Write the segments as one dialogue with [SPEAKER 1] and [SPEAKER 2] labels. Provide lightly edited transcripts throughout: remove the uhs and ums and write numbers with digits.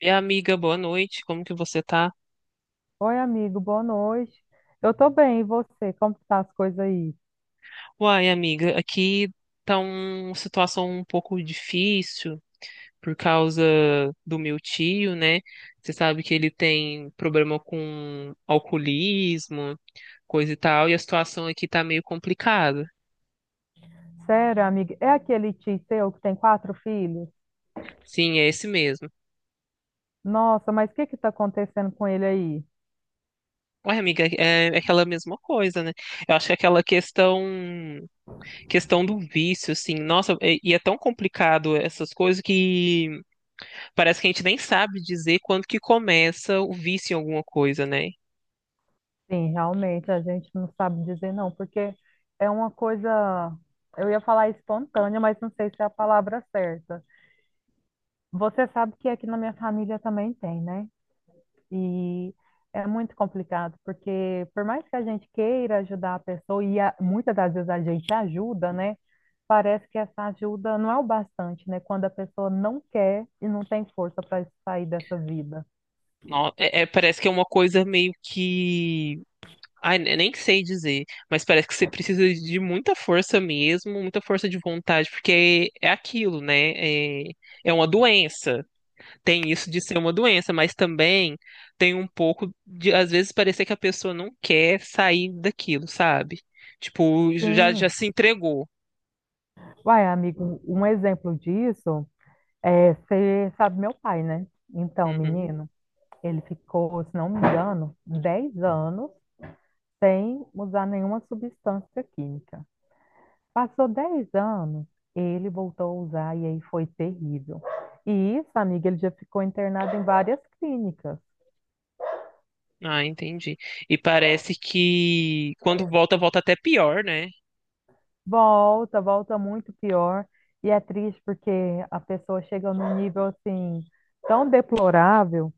[SPEAKER 1] E amiga, boa noite. Como que você tá?
[SPEAKER 2] Oi, amigo, boa noite. Eu tô bem, e você? Como que tá as coisas aí?
[SPEAKER 1] Uai, amiga, aqui tá uma situação um pouco difícil por causa do meu tio, né? Você sabe que ele tem problema com alcoolismo, coisa e tal, e a situação aqui tá meio complicada.
[SPEAKER 2] Sério, amiga, é aquele tio seu que tem quatro filhos?
[SPEAKER 1] Sim, é esse mesmo.
[SPEAKER 2] Nossa, mas o que que tá acontecendo com ele aí?
[SPEAKER 1] Uai, amiga, é aquela mesma coisa, né? Eu acho que é aquela questão do vício, assim, nossa, e é tão complicado essas coisas que parece que a gente nem sabe dizer quando que começa o vício em alguma coisa, né?
[SPEAKER 2] Sim, realmente, a gente não sabe dizer não, porque é uma coisa, eu ia falar espontânea, mas não sei se é a palavra certa. Você sabe que aqui na minha família também tem, né? E é muito complicado, porque por mais que a gente queira ajudar a pessoa, e muitas das vezes a gente ajuda, né? Parece que essa ajuda não é o bastante, né? Quando a pessoa não quer e não tem força para sair dessa vida.
[SPEAKER 1] Parece que é uma coisa meio que. Nem sei dizer, mas parece que você precisa de muita força mesmo, muita força de vontade, porque é aquilo, né? É, É uma doença. Tem isso de ser uma doença, mas também tem um pouco de, às vezes, parecer que a pessoa não quer sair daquilo, sabe? Tipo, já
[SPEAKER 2] Sim.
[SPEAKER 1] se entregou.
[SPEAKER 2] Uai, amigo, um exemplo disso é, você sabe, meu pai, né? Então,
[SPEAKER 1] Uhum.
[SPEAKER 2] menino, ele ficou, se não me engano, 10 anos sem usar nenhuma substância química. Passou 10 anos, ele voltou a usar e aí foi terrível. E isso, amiga, ele já ficou internado em várias clínicas.
[SPEAKER 1] Ah, entendi. E parece que quando volta, volta até pior, né?
[SPEAKER 2] Volta, volta muito pior. E é triste porque a pessoa chega num nível assim tão deplorável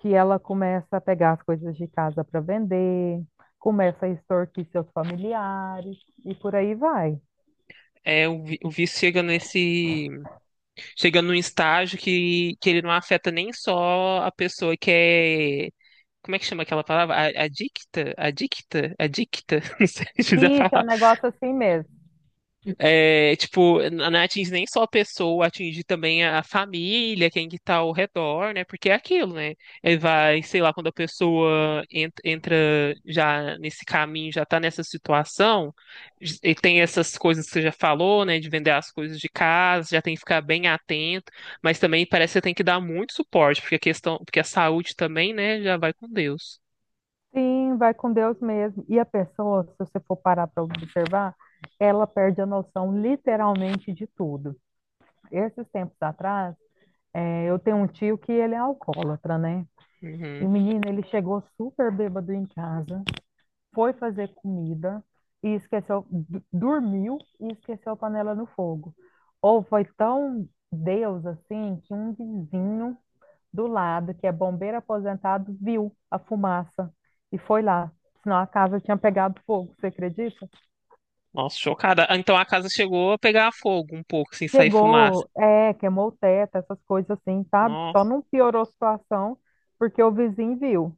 [SPEAKER 2] que ela começa a pegar as coisas de casa para vender, começa a extorquir seus familiares e por aí vai.
[SPEAKER 1] É, o vício chega chega num estágio que ele não afeta nem só a pessoa que é, como é que chama aquela palavra? Adicta? Adicta? Adicta? Não sei se fizer a
[SPEAKER 2] Isso é um negócio assim mesmo.
[SPEAKER 1] é, tipo, não atinge nem só a pessoa, atinge também a família, quem que tá ao redor, né? Porque é aquilo, né? Ele vai, sei lá, quando a pessoa entra já nesse caminho, já tá nessa situação, e tem essas coisas que você já falou, né? De vender as coisas de casa, já tem que ficar bem atento, mas também parece que você tem que dar muito suporte, porque porque a saúde também, né, já vai com Deus.
[SPEAKER 2] Sim, vai com Deus mesmo. E a pessoa, se você for parar para observar, ela perde a noção literalmente de tudo. Esses tempos atrás, eu tenho um tio que ele é alcoólatra, né? E o
[SPEAKER 1] Uhum.
[SPEAKER 2] menino, ele chegou super bêbado em casa, foi fazer comida e esqueceu, dormiu e esqueceu a panela no fogo. Ou foi tão Deus assim que um vizinho do lado, que é bombeiro aposentado, viu a fumaça e foi lá. Senão a casa tinha pegado fogo, você acredita?
[SPEAKER 1] Nossa, chocada. Ah, então a casa chegou a pegar fogo um pouco, sem sair fumaça.
[SPEAKER 2] Chegou, é, queimou o teto, essas coisas assim, sabe? Só
[SPEAKER 1] Nossa.
[SPEAKER 2] não piorou a situação porque o vizinho viu.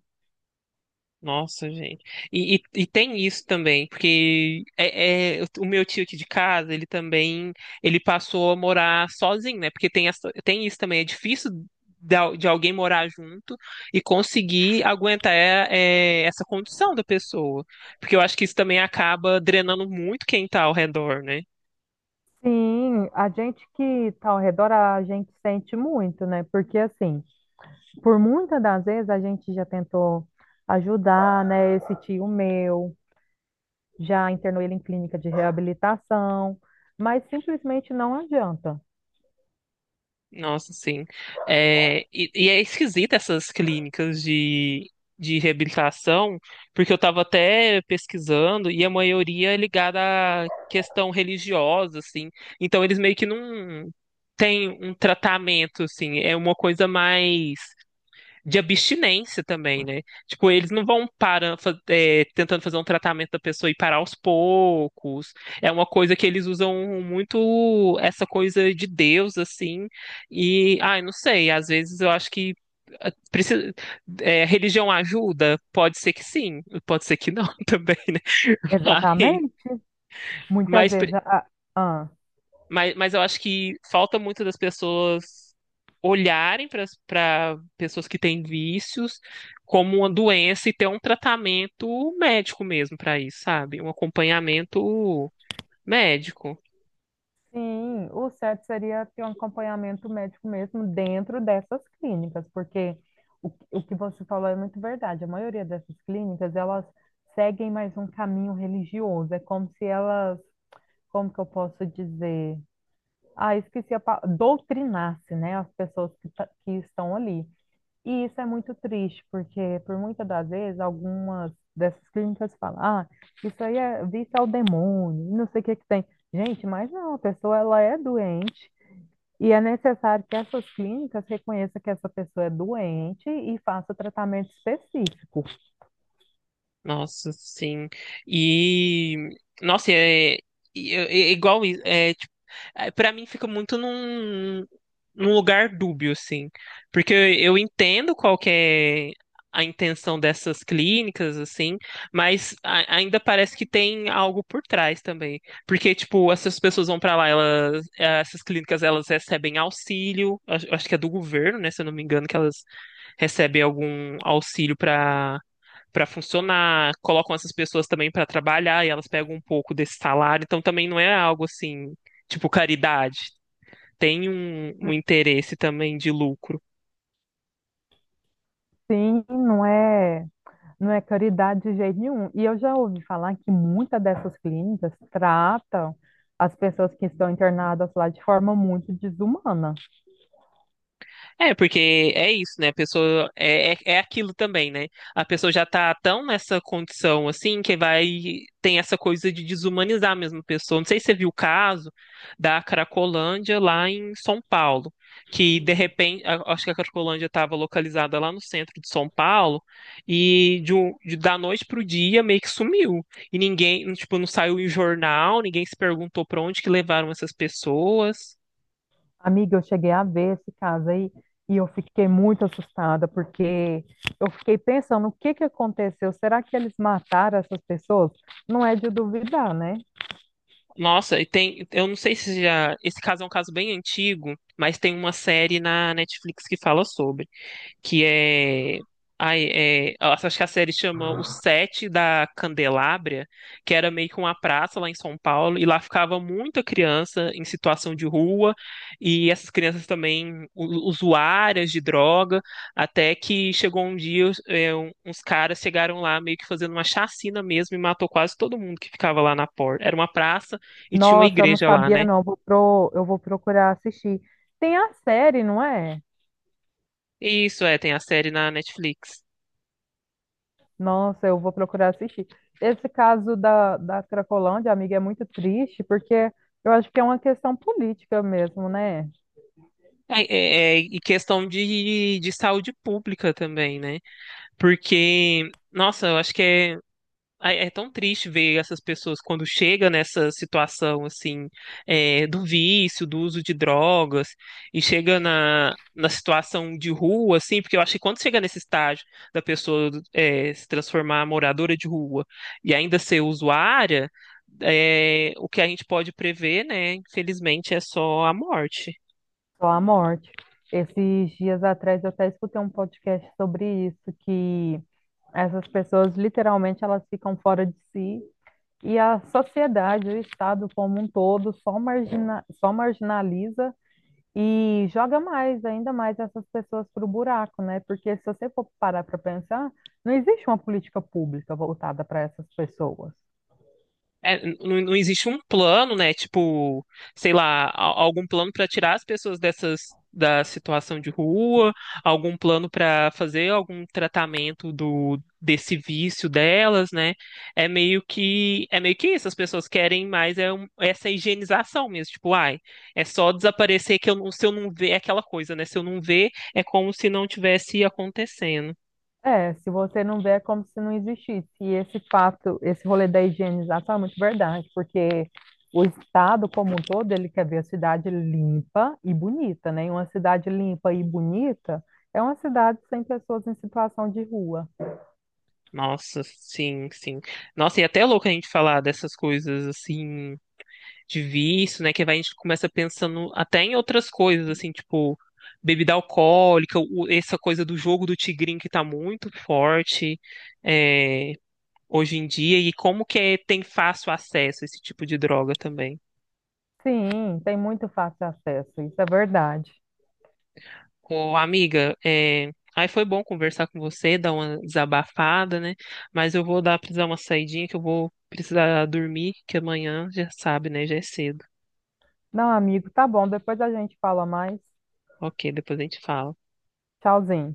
[SPEAKER 1] Nossa, gente. E tem isso também, porque o meu tio aqui de casa, ele também, ele passou a morar sozinho, né? Porque tem, essa, tem isso também, é difícil de, de alguém morar junto e conseguir aguentar é, essa condição da pessoa. Porque eu acho que isso também acaba drenando muito quem tá ao redor, né?
[SPEAKER 2] Sim, a gente que está ao redor, a gente sente muito, né? Porque, assim, por muitas das vezes a gente já tentou ajudar, né? Esse tio meu, já internou ele em clínica de reabilitação, mas simplesmente não adianta.
[SPEAKER 1] Nossa, sim. É, e é esquisita essas clínicas de reabilitação, porque eu estava até pesquisando e a maioria é ligada à questão religiosa, assim. Então eles meio que não têm um tratamento, assim. É uma coisa mais de abstinência também, né? Tipo, eles não vão parar, tentando fazer um tratamento da pessoa e parar aos poucos. É uma coisa que eles usam muito essa coisa de Deus, assim. E, ai, não sei, às vezes eu acho que eh, precisa, religião ajuda? Pode ser que sim, pode ser que não também, né? Mas,
[SPEAKER 2] Exatamente. Muitas
[SPEAKER 1] mas
[SPEAKER 2] vezes. Ah,
[SPEAKER 1] mas eu acho que falta muito das pessoas olharem para pessoas que têm vícios como uma doença e ter um tratamento médico mesmo para isso, sabe? Um acompanhamento médico.
[SPEAKER 2] Sim, o certo seria ter um acompanhamento médico mesmo dentro dessas clínicas, porque o que você falou é muito verdade. A maioria dessas clínicas, elas seguem mais um caminho religioso. É como se elas, como que eu posso dizer? Ah, esqueci a palavra, doutrinasse, né, as pessoas que, que estão ali. E isso é muito triste, porque por muitas das vezes algumas dessas clínicas falam, ah, isso aí é vício ao demônio, não sei o que que tem. Gente, mas não, a pessoa ela é doente e é necessário que essas clínicas reconheçam que essa pessoa é doente e faça tratamento específico.
[SPEAKER 1] Nossa, sim. E nossa, é igual isso. É, tipo, é, para mim fica muito num lugar dúbio, assim. Porque eu entendo qual que é a intenção dessas clínicas, assim, mas ainda parece que tem algo por trás também. Porque, tipo, essas pessoas vão pra lá, elas, essas clínicas, elas recebem auxílio, acho que é do governo, né, se eu não me engano, que elas recebem algum auxílio para funcionar, colocam essas pessoas também para trabalhar e elas pegam um pouco desse salário, então também não é algo assim, tipo caridade. Tem um interesse também de lucro.
[SPEAKER 2] Sim, não é, não é caridade de jeito nenhum. E eu já ouvi falar que muitas dessas clínicas tratam as pessoas que estão internadas lá de forma muito desumana.
[SPEAKER 1] É, porque é isso, né? A pessoa é aquilo também, né? A pessoa já tá tão nessa condição assim que vai tem essa coisa de desumanizar mesmo a pessoa. Não sei se você viu o caso da Cracolândia lá em São Paulo, que de repente, acho que a Cracolândia estava localizada lá no centro de São Paulo e da noite pro dia meio que sumiu. E ninguém, tipo, não saiu em jornal, ninguém se perguntou para onde que levaram essas pessoas.
[SPEAKER 2] Amiga, eu cheguei a ver esse caso aí e eu fiquei muito assustada porque eu fiquei pensando o que que aconteceu? Será que eles mataram essas pessoas? Não é de duvidar, né?
[SPEAKER 1] Nossa, e tem, eu não sei se já, esse caso é um caso bem antigo, mas tem uma série na Netflix que fala sobre que é. Ai, é, acho que a série chama O Sete da Candelária, que era meio que uma praça lá em São Paulo, e lá ficava muita criança em situação de rua, e essas crianças também usuárias de droga, até que chegou um dia, uns caras chegaram lá meio que fazendo uma chacina mesmo e matou quase todo mundo que ficava lá na porta. Era uma praça e tinha uma
[SPEAKER 2] Nossa, eu não
[SPEAKER 1] igreja lá,
[SPEAKER 2] sabia
[SPEAKER 1] né?
[SPEAKER 2] não. Eu vou, eu vou procurar assistir. Tem a série, não é?
[SPEAKER 1] Isso, é, tem a série na Netflix.
[SPEAKER 2] Nossa, eu vou procurar assistir. Esse caso da, da Cracolândia, amiga, é muito triste porque eu acho que é uma questão política mesmo, né?
[SPEAKER 1] E questão de saúde pública também, né? Porque, nossa, eu acho que é, é tão triste ver essas pessoas quando chega nessa situação, assim, é, do vício, do uso de drogas, e chega na situação de rua, assim, porque eu acho que quando chega nesse estágio da pessoa, é, se transformar em moradora de rua e ainda ser usuária, é, o que a gente pode prever, né, infelizmente, é só a morte.
[SPEAKER 2] Só a morte. Esses dias atrás eu até escutei um podcast sobre isso, que essas pessoas literalmente elas ficam fora de si e a sociedade, o Estado como um todo, só marginaliza e joga mais, ainda mais essas pessoas para o buraco, né? Porque se você for parar para pensar, não existe uma política pública voltada para essas pessoas.
[SPEAKER 1] É, não, não existe um plano, né? Tipo, sei lá, algum plano para tirar as pessoas dessas da situação de rua, algum plano para fazer algum tratamento do desse vício delas, né? É meio que isso. As pessoas querem mais é essa higienização mesmo. Tipo, ai, é só desaparecer que eu não, se eu não ver é aquela coisa, né? Se eu não ver, é como se não tivesse acontecendo.
[SPEAKER 2] É, se você não vê, é como se não existisse. E esse fato, esse rolê da higienização é muito verdade, porque o estado como um todo, ele quer ver a cidade limpa e bonita, né? E uma cidade limpa e bonita é uma cidade sem pessoas em situação de rua.
[SPEAKER 1] Nossa, sim, sim. Nossa, e até é louco a gente falar dessas coisas assim de vício, né? Que vai, a gente começa pensando até em outras coisas, assim, tipo bebida alcoólica, essa coisa do jogo do tigrinho que tá muito forte é, hoje em dia, e como que tem fácil acesso a esse tipo de droga também.
[SPEAKER 2] Sim, tem muito fácil acesso, isso é verdade.
[SPEAKER 1] Ô, amiga, é, aí foi bom conversar com você, dar uma desabafada, né? Mas eu vou dar precisar uma saidinha que eu vou precisar dormir, que amanhã já sabe, né? Já é cedo.
[SPEAKER 2] Não, amigo, tá bom, depois a gente fala mais.
[SPEAKER 1] Ok, depois a gente fala.
[SPEAKER 2] Tchauzinho.